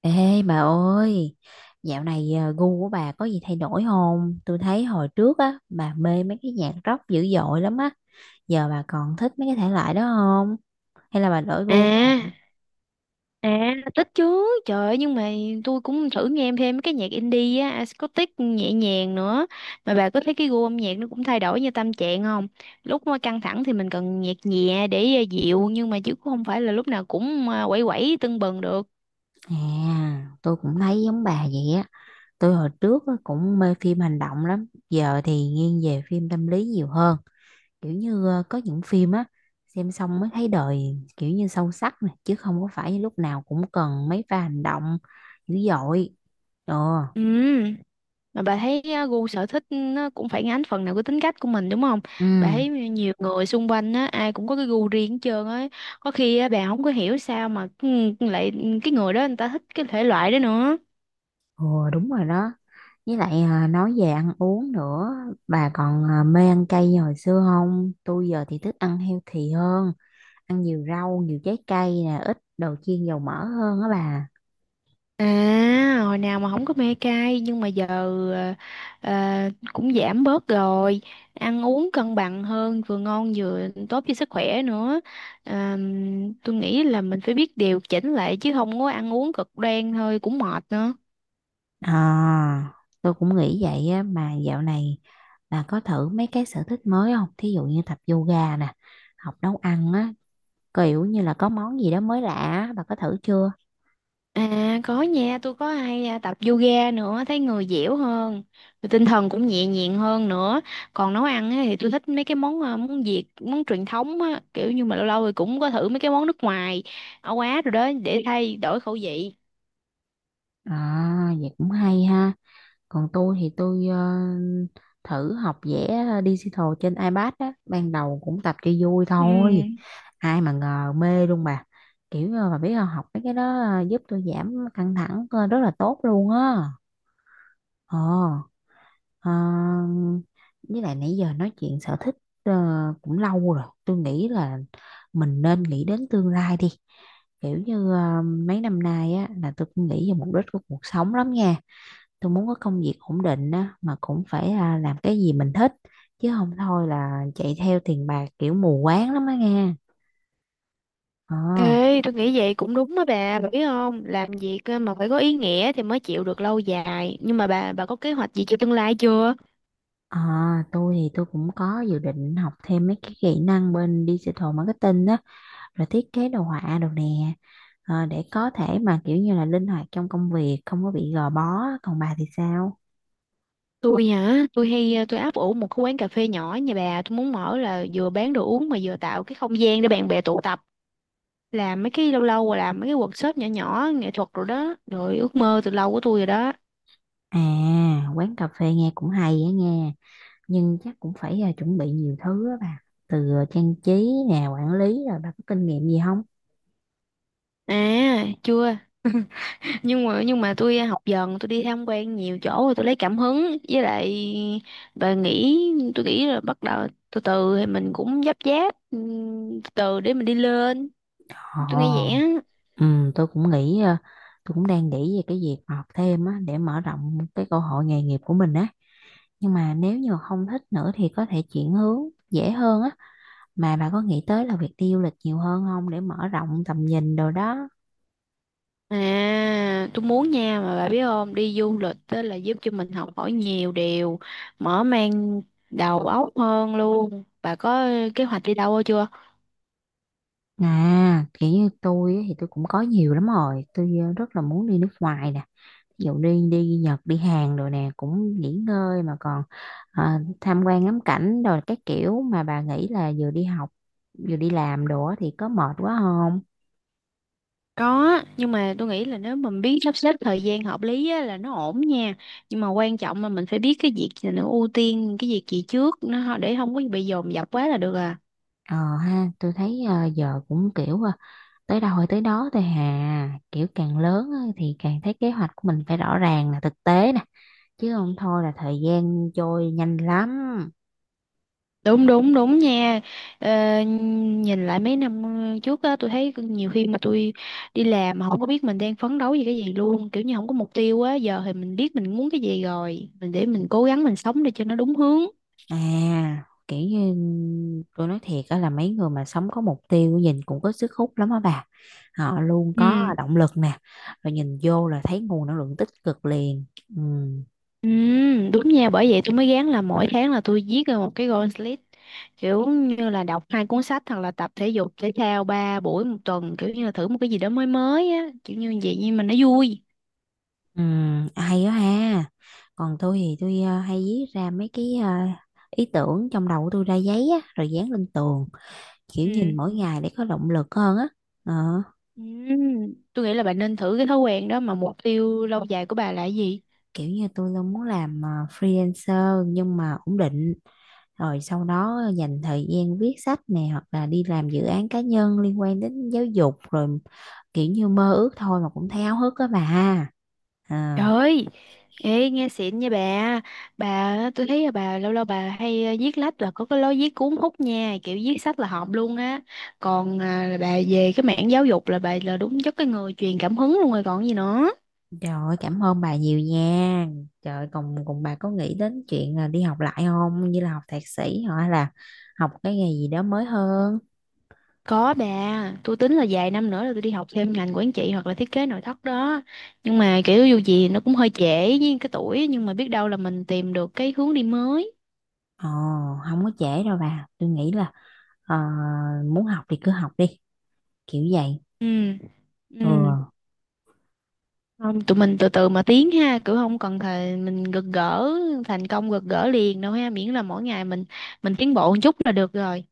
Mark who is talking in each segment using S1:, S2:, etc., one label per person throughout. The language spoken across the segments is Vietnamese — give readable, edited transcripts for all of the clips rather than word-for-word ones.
S1: Ê bà ơi, dạo này gu của bà có gì thay đổi không? Tôi thấy hồi trước á, bà mê mấy cái nhạc rock dữ dội lắm á. Giờ bà còn thích mấy cái thể loại đó không? Hay là bà đổi
S2: À,
S1: gu rồi?
S2: à, thích chứ. Trời ơi, nhưng mà tôi cũng thử nghe thêm mấy cái nhạc indie á, acoustic nhẹ nhàng nữa. Mà bà có thấy cái gu âm nhạc nó cũng thay đổi như tâm trạng không? Lúc mà căng thẳng thì mình cần nhạc nhẹ để dịu, nhưng mà chứ cũng không phải là lúc nào cũng quẩy quẩy tưng bừng được.
S1: À, tôi cũng thấy giống bà vậy á. Tôi hồi trước á, cũng mê phim hành động lắm. Giờ thì nghiêng về phim tâm lý nhiều hơn. Kiểu như có những phim á, xem xong mới thấy đời kiểu như sâu sắc nè. Chứ không có phải lúc nào cũng cần mấy pha hành động dữ dội. Ờ.
S2: Ừ, mà bà thấy gu sở thích nó cũng phản ánh phần nào cái tính cách của mình đúng không?
S1: Ừ,
S2: Bà thấy nhiều người xung quanh á, ai cũng có cái gu riêng hết trơn á. Có khi á, bà không có hiểu sao mà lại cái người đó người ta thích cái thể loại đó nữa.
S1: ồ, đúng rồi đó. Với lại nói về ăn uống nữa, bà còn mê ăn cay như hồi xưa không? Tôi giờ thì thích ăn healthy hơn, ăn nhiều rau, nhiều trái cây nè, ít đồ chiên dầu mỡ hơn á bà.
S2: À, hồi nào mà không có mê cay nhưng mà giờ ờ, cũng giảm bớt rồi, ăn uống cân bằng hơn, vừa ngon vừa tốt cho sức khỏe nữa. Tôi nghĩ là mình phải biết điều chỉnh lại chứ không có ăn uống cực đoan thôi cũng mệt nữa.
S1: À, tôi cũng nghĩ vậy á, mà dạo này bà có thử mấy cái sở thích mới không? Thí dụ như tập yoga nè, học nấu ăn á, kiểu như là có món gì đó mới lạ, á, bà có thử chưa?
S2: À có nha, tôi có hay tập yoga nữa, thấy người dẻo hơn, rồi tinh thần cũng nhẹ nhàng hơn nữa. Còn nấu ăn á, thì tôi thích mấy cái món món Việt, món truyền thống á, kiểu như mà lâu lâu thì cũng có thử mấy cái món nước ngoài, ở Á rồi đó để thay đổi khẩu vị.
S1: À, vậy cũng hay ha. Còn tôi thử học vẽ digital trên iPad á, ban đầu cũng tập cho vui
S2: Ừ.
S1: thôi. Ai mà ngờ mê luôn bà, kiểu như bà biết không, học mấy cái đó giúp tôi giảm căng thẳng rất là tốt luôn á. ờ ờ, với lại nãy giờ nói chuyện sở thích ờ, cũng lâu rồi, tôi nghĩ là mình nên nghĩ đến tương lai đi, kiểu như mấy năm nay á là tôi cũng nghĩ về mục đích của cuộc sống lắm nha. Tôi muốn có công việc ổn định á mà cũng phải làm cái gì mình thích, chứ không thôi là chạy theo tiền bạc kiểu mù quáng lắm á nghe. ờ
S2: Ê, tôi nghĩ vậy cũng đúng á bà biết không? Làm việc mà phải có ý nghĩa thì mới chịu được lâu dài. Nhưng mà bà có kế hoạch gì cho tương lai chưa?
S1: ờ, tôi cũng có dự định học thêm mấy cái kỹ năng bên digital marketing á, rồi thiết kế đồ họa đồ nè. Ờ, để có thể mà kiểu như là linh hoạt trong công việc, không có bị gò bó. Còn bà thì sao?
S2: Tôi hả, tôi hay ờ, tôi áp ủ một cái quán cà phê nhỏ nhà bà, tôi muốn mở là vừa bán đồ uống mà vừa tạo cái không gian để bạn bè tụ tập, làm mấy cái lâu lâu rồi làm mấy cái workshop nhỏ nhỏ nghệ thuật rồi đó, rồi ước mơ từ lâu của tôi rồi đó.
S1: À, quán cà phê nghe cũng hay á nghe, nhưng chắc cũng phải chuẩn bị nhiều thứ á bà, từ trang trí nè, quản lý. Rồi bà có kinh nghiệm gì không?
S2: À chưa. Nhưng mà tôi học dần, tôi đi tham quan nhiều chỗ rồi tôi lấy cảm hứng, với lại bà nghĩ tôi nghĩ là bắt đầu từ từ thì mình cũng dắp dáp từ từ để mình đi lên. Tôi nghĩ vậy
S1: Ồ,
S2: á.
S1: ừ, tôi cũng nghĩ tôi cũng đang nghĩ về cái việc học thêm á, để mở rộng cái cơ hội nghề nghiệp của mình á, nhưng mà nếu như mà không thích nữa thì có thể chuyển hướng dễ hơn á. Mà bà có nghĩ tới là việc đi du lịch nhiều hơn không, để mở rộng tầm nhìn đồ đó?
S2: À, tôi muốn nha, mà bà biết không, đi du lịch đó là giúp cho mình học hỏi nhiều điều, mở mang đầu óc hơn luôn. Bà có kế hoạch đi đâu chưa?
S1: À, kiểu như tôi á, thì tôi cũng có nhiều lắm rồi. Tôi rất là muốn đi nước ngoài nè, ví dụ đi đi Nhật, đi Hàn rồi nè, cũng nghỉ ngơi mà còn tham quan ngắm cảnh rồi các kiểu. Mà bà nghĩ là vừa đi học vừa đi làm đồ á thì có mệt quá không?
S2: Có, nhưng mà tôi nghĩ là nếu mình biết sắp xếp thời gian hợp lý á, là nó ổn nha. Nhưng mà quan trọng là mình phải biết cái việc gì nó ưu tiên, cái việc gì trước nó, để không có bị dồn dập quá là được à.
S1: Ờ ha, tôi thấy giờ cũng kiểu tới đâu hay tới đó thôi hà, kiểu càng lớn á thì càng thấy kế hoạch của mình phải rõ ràng, là thực tế nè, chứ không thôi là thời gian trôi nhanh lắm.
S2: Đúng đúng đúng nha. ờ, Nhìn lại mấy năm trước á, tôi thấy nhiều khi mà tôi đi làm mà không có biết mình đang phấn đấu vì cái gì luôn, kiểu như không có mục tiêu á. Giờ thì mình biết mình muốn cái gì rồi, mình để mình cố gắng, mình sống để cho nó đúng hướng.
S1: À, kiểu như tôi nói thiệt đó, là mấy người mà sống có mục tiêu nhìn cũng có sức hút lắm á bà. Họ luôn có
S2: Ừ,
S1: động lực nè, rồi nhìn vô là thấy nguồn năng lượng tích cực liền. Ừ.
S2: ừ, đúng nha. Bởi vậy tôi mới gán là mỗi tháng là tôi viết ra một cái goal list, kiểu như là đọc hai cuốn sách, hoặc là tập thể dục thể thao ba buổi một tuần, kiểu như là thử một cái gì đó mới mới á, kiểu như vậy, nhưng mà nó vui.
S1: Ừ, hay đó ha. Còn tôi hay viết ra mấy cái ý tưởng trong đầu của tôi ra giấy á, rồi dán lên tường, kiểu
S2: Ừ.
S1: nhìn mỗi ngày để có động lực hơn á. Ờ.
S2: Tôi nghĩ là bạn nên thử cái thói quen đó. Mà mục tiêu lâu dài của bà là cái gì?
S1: Kiểu như tôi luôn muốn làm freelancer nhưng mà ổn định, rồi sau đó dành thời gian viết sách nè, hoặc là đi làm dự án cá nhân liên quan đến giáo dục, rồi kiểu như mơ ước thôi mà cũng thấy háo hức á bà ha.
S2: Trời
S1: À,
S2: ơi, ê, nghe xịn nha bà. Bà, tôi thấy là bà lâu lâu bà hay viết lách, là có cái lối viết cuốn hút nha, kiểu viết sách là hợp luôn á. Còn là bà về cái mảng giáo dục, là bà là đúng chất cái người truyền cảm hứng luôn rồi còn gì nữa.
S1: trời ơi cảm ơn bà nhiều nha. Trời ơi, còn còn bà có nghĩ đến chuyện là đi học lại không, như là học thạc sĩ, hoặc là học cái nghề gì đó mới hơn?
S2: Có bà, tôi tính là vài năm nữa là tôi đi học thêm ngành quản trị, hoặc là thiết kế nội thất đó. Nhưng mà kiểu dù gì nó cũng hơi trễ với cái tuổi, nhưng mà biết đâu là mình tìm được cái hướng đi mới.
S1: Ồ, không có trễ đâu bà. Tôi nghĩ là ờ, muốn học thì cứ học đi, kiểu vậy.
S2: Ừ, ừ,
S1: Ừ.
S2: không, tụi mình từ từ mà tiến ha, kiểu không cần thề mình gật gỡ thành công gật gỡ liền đâu ha, miễn là mỗi ngày mình tiến bộ một chút là được rồi.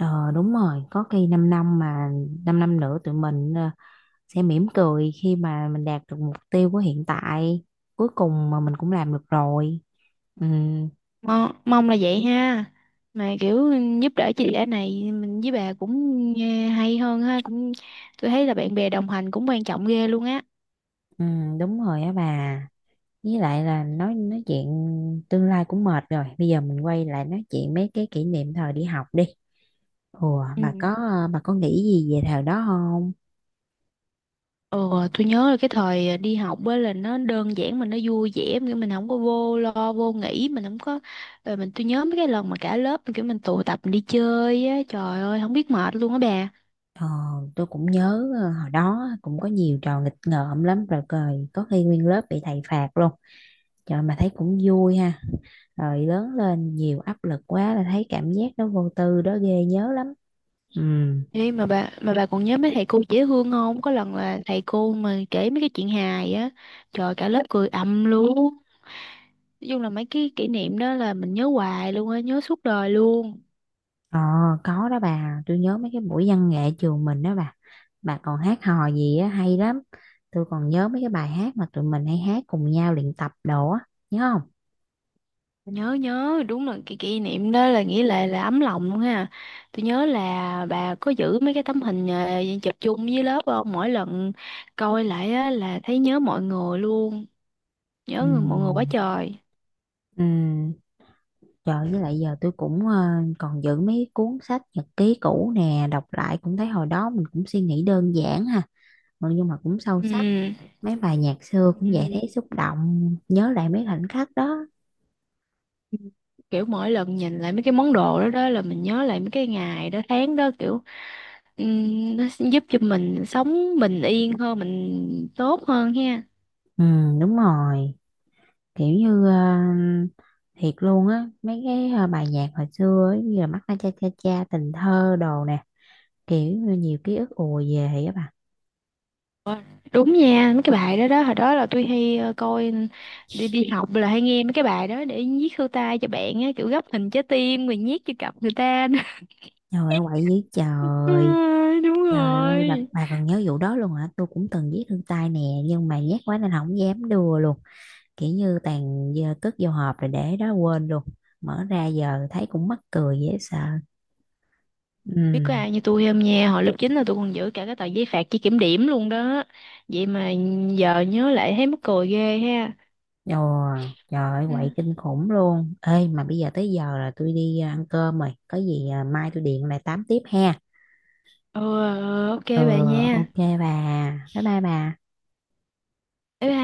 S1: Ờ đúng rồi, có khi 5 năm, mà 5 năm nữa tụi mình sẽ mỉm cười khi mà mình đạt được mục tiêu của hiện tại. Cuối cùng mà mình cũng làm được rồi. Ừ,
S2: Mong là vậy ha. Mà kiểu giúp đỡ chị đã này, mình với bà cũng hay hơn ha, cũng tôi thấy là bạn bè đồng hành cũng quan trọng ghê luôn á.
S1: ừ đúng rồi á bà. Với lại là nói chuyện tương lai cũng mệt rồi. Bây giờ mình quay lại nói chuyện mấy cái kỷ niệm thời đi học đi. Ủa, bà có
S2: Ừ.
S1: bà có nghĩ gì về thời đó không?
S2: Ừ, tôi nhớ là cái thời đi học á là nó đơn giản mà nó vui vẻ, kiểu mình không có vô lo vô nghĩ, mình không có ờ, mình tôi nhớ mấy cái lần mà cả lớp kiểu mình tụ tập mình đi chơi á, trời ơi không biết mệt luôn á bà.
S1: Ờ, tôi cũng nhớ hồi đó cũng có nhiều trò nghịch ngợm lắm, rồi cười có khi nguyên lớp bị thầy phạt luôn. Trời, mà thấy cũng vui ha, rồi lớn lên nhiều áp lực quá là thấy cảm giác đó vô tư đó ghê, nhớ lắm. Ừ.
S2: Ê, mà bà còn nhớ mấy thầy cô dễ thương không, có lần là thầy cô mà kể mấy cái chuyện hài á, trời cả lớp cười ầm luôn. Nói chung là mấy cái kỷ niệm đó là mình nhớ hoài luôn á, nhớ suốt đời luôn.
S1: Ờ có đó bà, tôi nhớ mấy cái buổi văn nghệ trường mình đó bà. Bà còn hát hò gì á hay lắm. Tôi còn nhớ mấy cái bài hát mà tụi mình hay hát cùng nhau, luyện tập đồ á. Nhớ không?
S2: Nhớ, nhớ, đúng là cái kỷ niệm đó là nghĩ là ấm lòng luôn ha. Tôi nhớ là bà có giữ mấy cái tấm hình chụp chung với lớp không? Mỗi lần coi lại á, là thấy nhớ mọi người luôn. Nhớ mọi người quá
S1: Ừ.
S2: trời.
S1: Ừ. Trời, với lại giờ tôi cũng còn giữ mấy cuốn sách nhật ký cũ nè, đọc lại cũng thấy hồi đó mình cũng suy nghĩ đơn giản ha, mà nhưng mà cũng sâu sắc.
S2: Ừ.
S1: Mấy bài nhạc xưa cũng vậy,
S2: Ừ.
S1: thấy xúc động, nhớ lại mấy khoảnh khắc đó.
S2: Kiểu mỗi lần nhìn lại mấy cái món đồ đó đó, là mình nhớ lại mấy cái ngày đó tháng đó, kiểu ừ, nó sẽ giúp cho mình sống bình yên hơn, mình tốt hơn ha.
S1: Ừ đúng rồi, kiểu như thiệt luôn á, mấy cái bài nhạc hồi xưa ấy, như là mắt na cha cha cha, tình thơ đồ nè, kiểu như nhiều ký ức ùa về á bà.
S2: Ờ, đúng nha, mấy cái bài đó đó, hồi đó là tôi hay coi đi đi học là hay nghe mấy cái bài đó để viết thư tay cho bạn á, kiểu gấp hình trái tim rồi nhét cho cặp người ta.
S1: Trời ơi quậy dữ
S2: Ừ,
S1: trời.
S2: đúng
S1: Trời ơi,
S2: rồi.
S1: bà còn nhớ vụ đó luôn hả? Tôi cũng từng viết thư tay nè, nhưng mà nhát quá nên không dám đưa luôn. Kiểu như tàn giờ cất vô hộp rồi để đó quên luôn. Mở ra giờ thấy cũng mắc cười dễ sợ.
S2: Biết
S1: Ừ.
S2: có ai như tôi không nha, hồi lớp 9 là tôi còn giữ cả cái tờ giấy phạt chỉ kiểm điểm luôn đó. Vậy mà giờ nhớ lại thấy mắc cười ghê ha.
S1: Ồ, trời ơi,
S2: Ừ.
S1: quậy kinh khủng luôn. Ê, mà bây giờ tới giờ là tôi đi ăn cơm rồi. Có gì mai tôi điện lại tám tiếp ha.
S2: Ừ, ok
S1: Ừ,
S2: bà nha.
S1: ok bà. Bye bye bà.
S2: Bye bye.